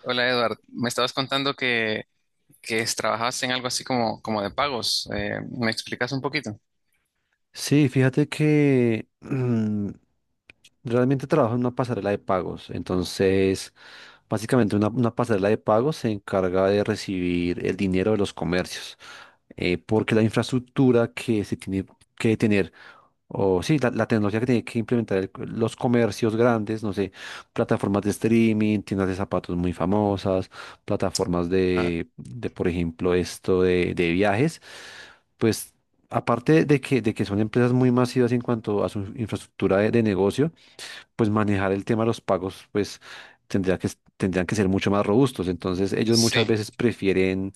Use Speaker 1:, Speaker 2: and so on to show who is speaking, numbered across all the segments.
Speaker 1: Hola Edward, me estabas contando que, trabajabas en algo así como, como de pagos. ¿Me explicas un poquito?
Speaker 2: Sí, fíjate que realmente trabajo en una pasarela de pagos. Entonces, básicamente una pasarela de pagos se encarga de recibir el dinero de los comercios, porque la infraestructura que se tiene que tener o sí, la tecnología que tiene que implementar los comercios grandes, no sé, plataformas de streaming, tiendas de zapatos muy famosas, plataformas
Speaker 1: Ah,
Speaker 2: por ejemplo, esto de viajes, pues aparte de que son empresas muy masivas en cuanto a su infraestructura de negocio, pues manejar el tema de los pagos, pues tendría que, tendrían que ser mucho más robustos. Entonces, ellos muchas
Speaker 1: sí,
Speaker 2: veces prefieren,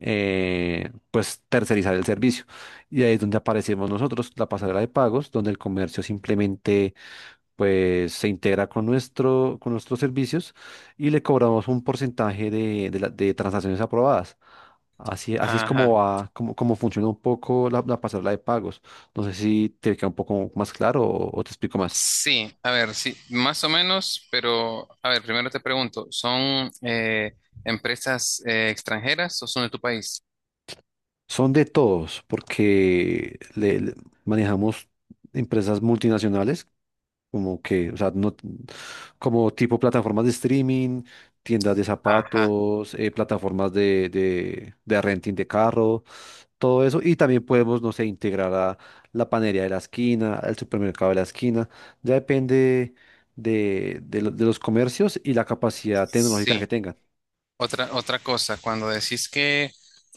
Speaker 2: pues, tercerizar el servicio. Y ahí es donde aparecemos nosotros, la pasarela de pagos, donde el comercio simplemente, pues, se integra con nuestro, con nuestros servicios y le cobramos un porcentaje de de transacciones aprobadas. Así, así es como
Speaker 1: ajá.
Speaker 2: va, como, como funciona un poco la pasarela de pagos. No sé si te queda un poco más claro o te explico más.
Speaker 1: Sí, a ver, sí, más o menos, pero a ver, primero te pregunto, ¿son empresas extranjeras o son de tu país?
Speaker 2: Son de todos, porque manejamos empresas multinacionales, como que, o sea, no, como tipo plataformas de streaming, tiendas de
Speaker 1: Ajá,
Speaker 2: zapatos, plataformas de renting de carro, todo eso. Y también podemos, no sé, integrar a la panería de la esquina, al supermercado de la esquina. Ya depende de, de los comercios y la capacidad tecnológica
Speaker 1: sí.
Speaker 2: que tengan.
Speaker 1: Otra cosa, cuando decís que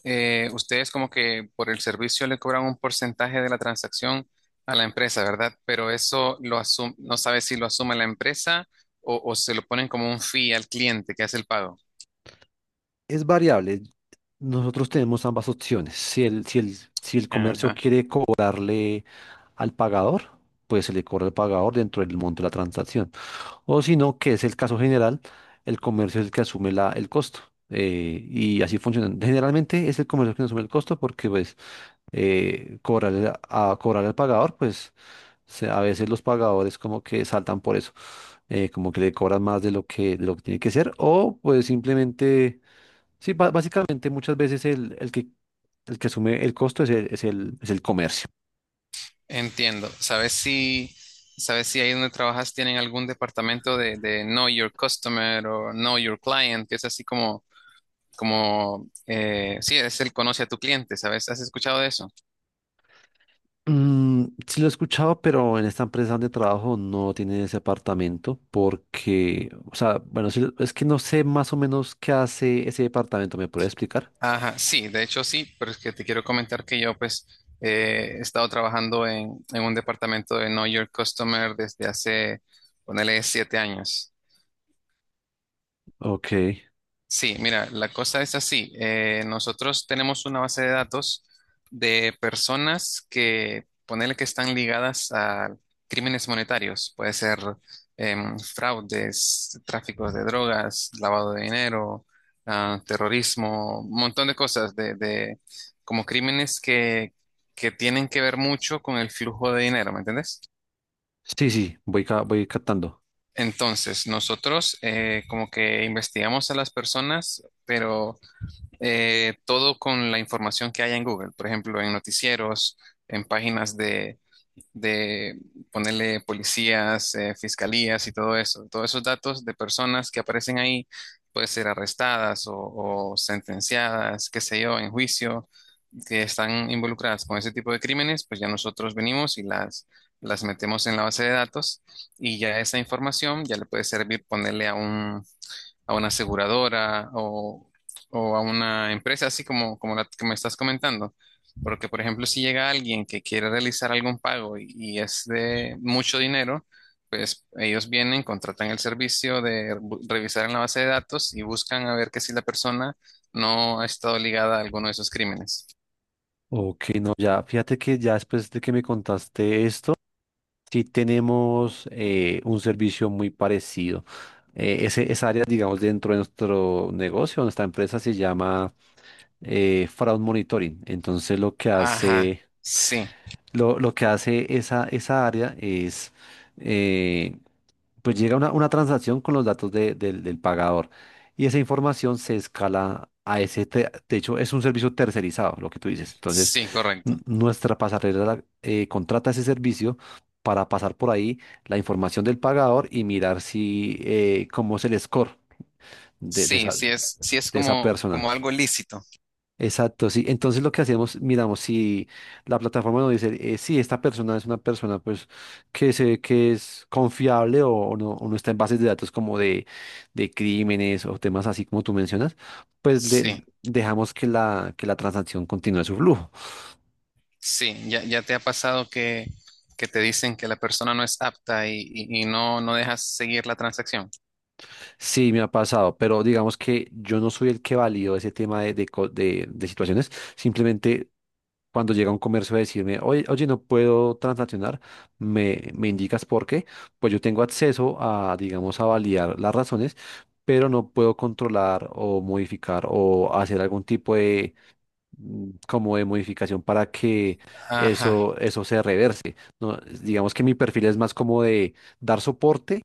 Speaker 1: ustedes como que por el servicio le cobran un porcentaje de la transacción a la empresa, ¿verdad? Pero eso no sabes si lo asume la empresa o se lo ponen como un fee al cliente que hace el pago.
Speaker 2: Es variable. Nosotros tenemos ambas opciones. Si el comercio
Speaker 1: Ajá.
Speaker 2: quiere cobrarle al pagador, pues se le cobra al pagador dentro del monto de la transacción. O si no, que es el caso general, el comercio es el que asume la, el costo. Y así funciona. Generalmente es el comercio que asume el costo porque pues cobrarle a cobrar al pagador, pues a veces los pagadores como que saltan por eso, como que le cobran más de lo que tiene que ser o pues simplemente sí, básicamente muchas veces el que asume el costo es el comercio.
Speaker 1: Entiendo. Sabes si ahí donde trabajas tienen algún departamento de Know Your Customer o Know Your Client, que es así como, como sí, es el conoce a tu cliente, ¿sabes? ¿Has escuchado de eso?
Speaker 2: Mm, sí lo he escuchado, pero en esta empresa donde trabajo no tiene ese apartamento porque, o sea, bueno, sí, es que no sé más o menos qué hace ese departamento. ¿Me puede explicar?
Speaker 1: Ajá, sí, de hecho sí, pero es que te quiero comentar que yo pues he estado trabajando en un departamento de Know Your Customer desde hace, ponele, siete años.
Speaker 2: Ok,
Speaker 1: Sí, mira, la cosa es así. Nosotros tenemos una base de datos de personas que, ponele que están ligadas a crímenes monetarios. Puede ser fraudes, tráfico de drogas, lavado de dinero, ah, terrorismo, un montón de cosas como crímenes que tienen que ver mucho con el flujo de dinero, ¿me entiendes?
Speaker 2: sí, sí, voy, voy captando.
Speaker 1: Entonces, nosotros como que investigamos a las personas, pero todo con la información que haya en Google, por ejemplo, en noticieros, en páginas de ponerle policías, fiscalías y todo eso. Todos esos datos de personas que aparecen ahí, pueden ser arrestadas o sentenciadas, qué sé yo, en juicio, que están involucradas con ese tipo de crímenes, pues ya nosotros venimos y las metemos en la base de datos y ya esa información ya le puede servir ponerle a un a una aseguradora o a una empresa así como, como la que me estás comentando. Porque, por ejemplo, si llega alguien que quiere realizar algún pago y es de mucho dinero, pues ellos vienen, contratan el servicio de revisar en la base de datos y buscan a ver que si la persona no ha estado ligada a alguno de esos crímenes.
Speaker 2: Ok, no, ya, fíjate que ya después de que me contaste esto, sí tenemos un servicio muy parecido. Esa área, digamos, dentro de nuestro negocio, nuestra empresa se llama Fraud Monitoring. Entonces lo que
Speaker 1: Ajá,
Speaker 2: hace,
Speaker 1: sí,
Speaker 2: lo que hace esa área es... eh, pues llega una transacción con los datos del pagador y esa información se escala a ese, de hecho es un servicio tercerizado, lo que tú dices. Entonces,
Speaker 1: sí, correcto.
Speaker 2: nuestra pasarela contrata ese servicio para pasar por ahí la información del pagador y mirar si, cómo es el score de
Speaker 1: Sí, sí es
Speaker 2: de esa
Speaker 1: como, como
Speaker 2: persona.
Speaker 1: algo lícito.
Speaker 2: Exacto, sí. Entonces lo que hacíamos, miramos si la plataforma nos dice, si esta persona es una persona pues que es confiable o no está en bases de datos como de crímenes o temas así como tú mencionas, pues le-
Speaker 1: Sí.
Speaker 2: dejamos que la transacción continúe su flujo.
Speaker 1: Sí, ya, ya te ha pasado que te dicen que la persona no es apta y, y no, no dejas seguir la transacción.
Speaker 2: Sí, me ha pasado, pero digamos que yo no soy el que valido ese tema de, de situaciones. Simplemente cuando llega un comercio a decirme, oye, no puedo transaccionar, me indicas por qué, pues yo tengo acceso a, digamos, a validar las razones, pero no puedo controlar o modificar o hacer algún tipo como de modificación para que
Speaker 1: Ajá,
Speaker 2: eso se reverse, ¿no? Digamos que mi perfil es más como de dar soporte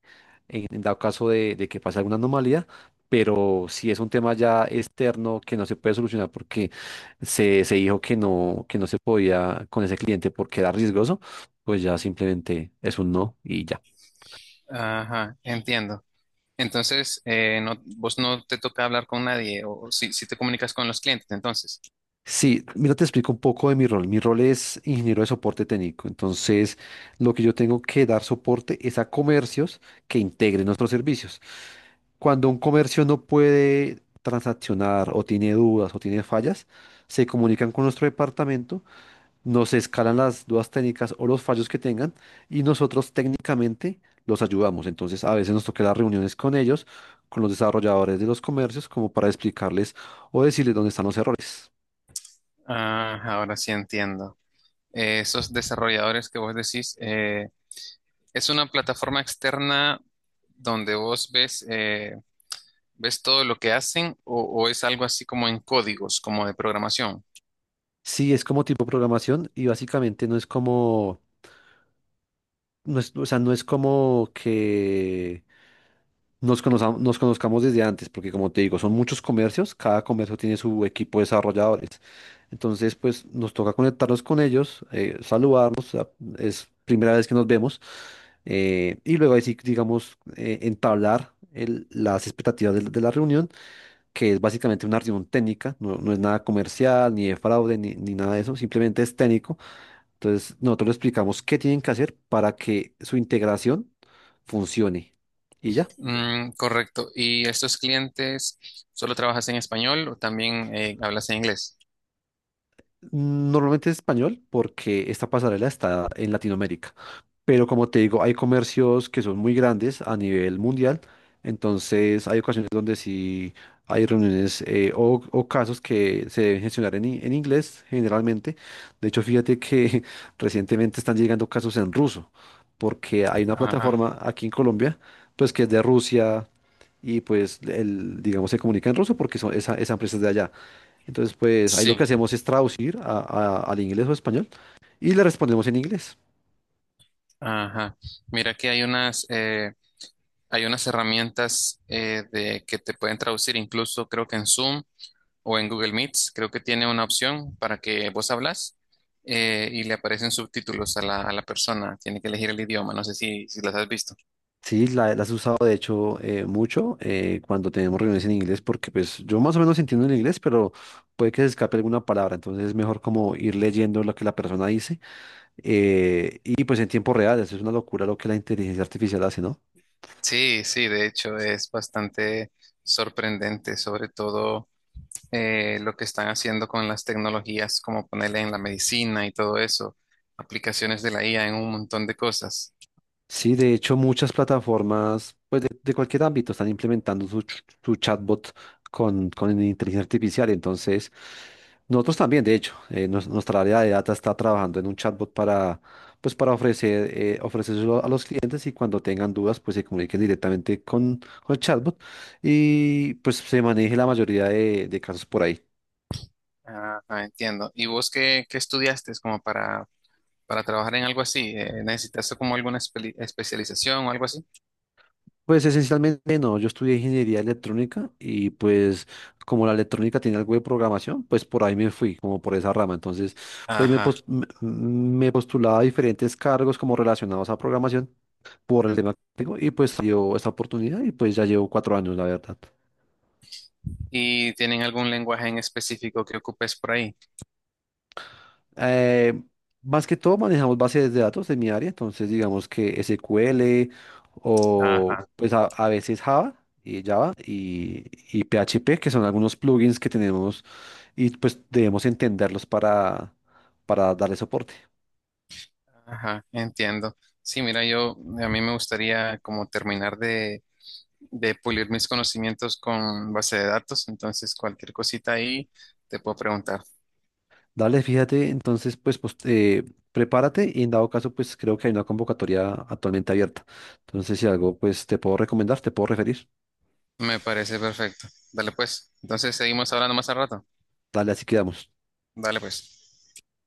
Speaker 2: en dado caso de que pase alguna anomalía, pero si es un tema ya externo que no se puede solucionar porque se dijo que no se podía con ese cliente porque era riesgoso, pues ya simplemente es un no y ya.
Speaker 1: ajá, entiendo. Entonces, no, vos no te toca hablar con nadie o si, si te comunicas con los clientes, entonces.
Speaker 2: Sí, mira, te explico un poco de mi rol. Mi rol es ingeniero de soporte técnico. Entonces, lo que yo tengo que dar soporte es a comercios que integren nuestros servicios. Cuando un comercio no puede transaccionar o tiene dudas o tiene fallas, se comunican con nuestro departamento, nos escalan las dudas técnicas o los fallos que tengan y nosotros técnicamente los ayudamos. Entonces, a veces nos toca las reuniones con ellos, con los desarrolladores de los comercios, como para explicarles o decirles dónde están los errores.
Speaker 1: Ah, ahora sí entiendo. Esos desarrolladores que vos decís, es una plataforma externa donde vos ves, ves todo lo que hacen o es algo así como en códigos, como de programación.
Speaker 2: Sí, es como tipo programación y básicamente no es como, o sea, no es como que nos conozcamos desde antes, porque como te digo, son muchos comercios, cada comercio tiene su equipo de desarrolladores. Entonces, pues nos toca conectarnos con ellos, saludarnos, es primera vez que nos vemos, y luego ahí sí, digamos, entablar las expectativas de la reunión, que es básicamente una reunión técnica, no, no es nada comercial, ni de fraude, ni, ni nada de eso, simplemente es técnico. Entonces, nosotros les explicamos qué tienen que hacer para que su integración funcione. Y ya.
Speaker 1: Mm, correcto. ¿Y estos clientes solo trabajas en español o también hablas en inglés?
Speaker 2: Normalmente es español porque esta pasarela está en Latinoamérica. Pero como te digo, hay comercios que son muy grandes a nivel mundial, entonces hay ocasiones donde sí hay reuniones o casos que se deben gestionar en, en inglés generalmente. De hecho, fíjate que recientemente están llegando casos en ruso, porque hay una
Speaker 1: Ajá.
Speaker 2: plataforma aquí en Colombia, pues que es de Rusia y pues el, digamos se comunica en ruso porque son esa, esa empresa es de allá. Entonces, pues ahí lo
Speaker 1: Sí.
Speaker 2: que hacemos es traducir al inglés o español y le respondemos en inglés.
Speaker 1: Ajá. Mira que hay unas herramientas que te pueden traducir, incluso creo que en Zoom o en Google Meets, creo que tiene una opción para que vos hablas y le aparecen subtítulos a la persona. Tiene que elegir el idioma. No sé si, si las has visto.
Speaker 2: Sí, la has usado de hecho mucho cuando tenemos reuniones en inglés, porque pues yo más o menos entiendo el inglés, pero puede que se escape alguna palabra, entonces es mejor como ir leyendo lo que la persona dice, y pues en tiempo real, eso es una locura lo que la inteligencia artificial hace, ¿no?
Speaker 1: Sí, sí, de hecho es bastante sorprendente, sobre todo. Lo que están haciendo con las tecnologías, como ponerle en la medicina y todo eso, aplicaciones de la IA en un montón de cosas.
Speaker 2: Sí, de hecho, muchas plataformas, pues de cualquier ámbito, están implementando su, su chatbot con inteligencia artificial. Entonces, nosotros también, de hecho, nuestra área de data está trabajando en un chatbot para, pues, para ofrecer, ofrecérselo a los clientes y cuando tengan dudas, pues se comuniquen directamente con el chatbot y pues se maneje la mayoría de casos por ahí.
Speaker 1: Ah, ah, entiendo. ¿Y vos qué, qué estudiaste como para trabajar en algo así? ¿Necesitaste como alguna especialización o algo así?
Speaker 2: Pues esencialmente no, yo estudié ingeniería electrónica y pues como la electrónica tiene algo de programación, pues por ahí me fui, como por esa rama. Entonces, pues
Speaker 1: Ajá.
Speaker 2: me postulaba a diferentes cargos como relacionados a programación por el tema que tengo y pues dio esta oportunidad y pues ya llevo cuatro años, la verdad.
Speaker 1: ¿Y tienen algún lenguaje en específico que ocupes por ahí?
Speaker 2: Eh, más que todo manejamos bases de datos en mi área, entonces digamos que SQL o
Speaker 1: Ajá,
Speaker 2: pues a veces Java y Java y, y PHP, que son algunos plugins que tenemos y pues debemos entenderlos para darle soporte.
Speaker 1: ajá, entiendo. Sí, mira, yo a mí me gustaría como terminar de pulir mis conocimientos con base de datos, entonces cualquier cosita ahí te puedo preguntar.
Speaker 2: Dale, fíjate, entonces pues, prepárate y en dado caso pues creo que hay una convocatoria actualmente abierta. Entonces si algo pues te puedo recomendar, te puedo referir.
Speaker 1: Me parece perfecto. Dale pues. Entonces seguimos hablando más al rato.
Speaker 2: Dale, así quedamos.
Speaker 1: Dale pues.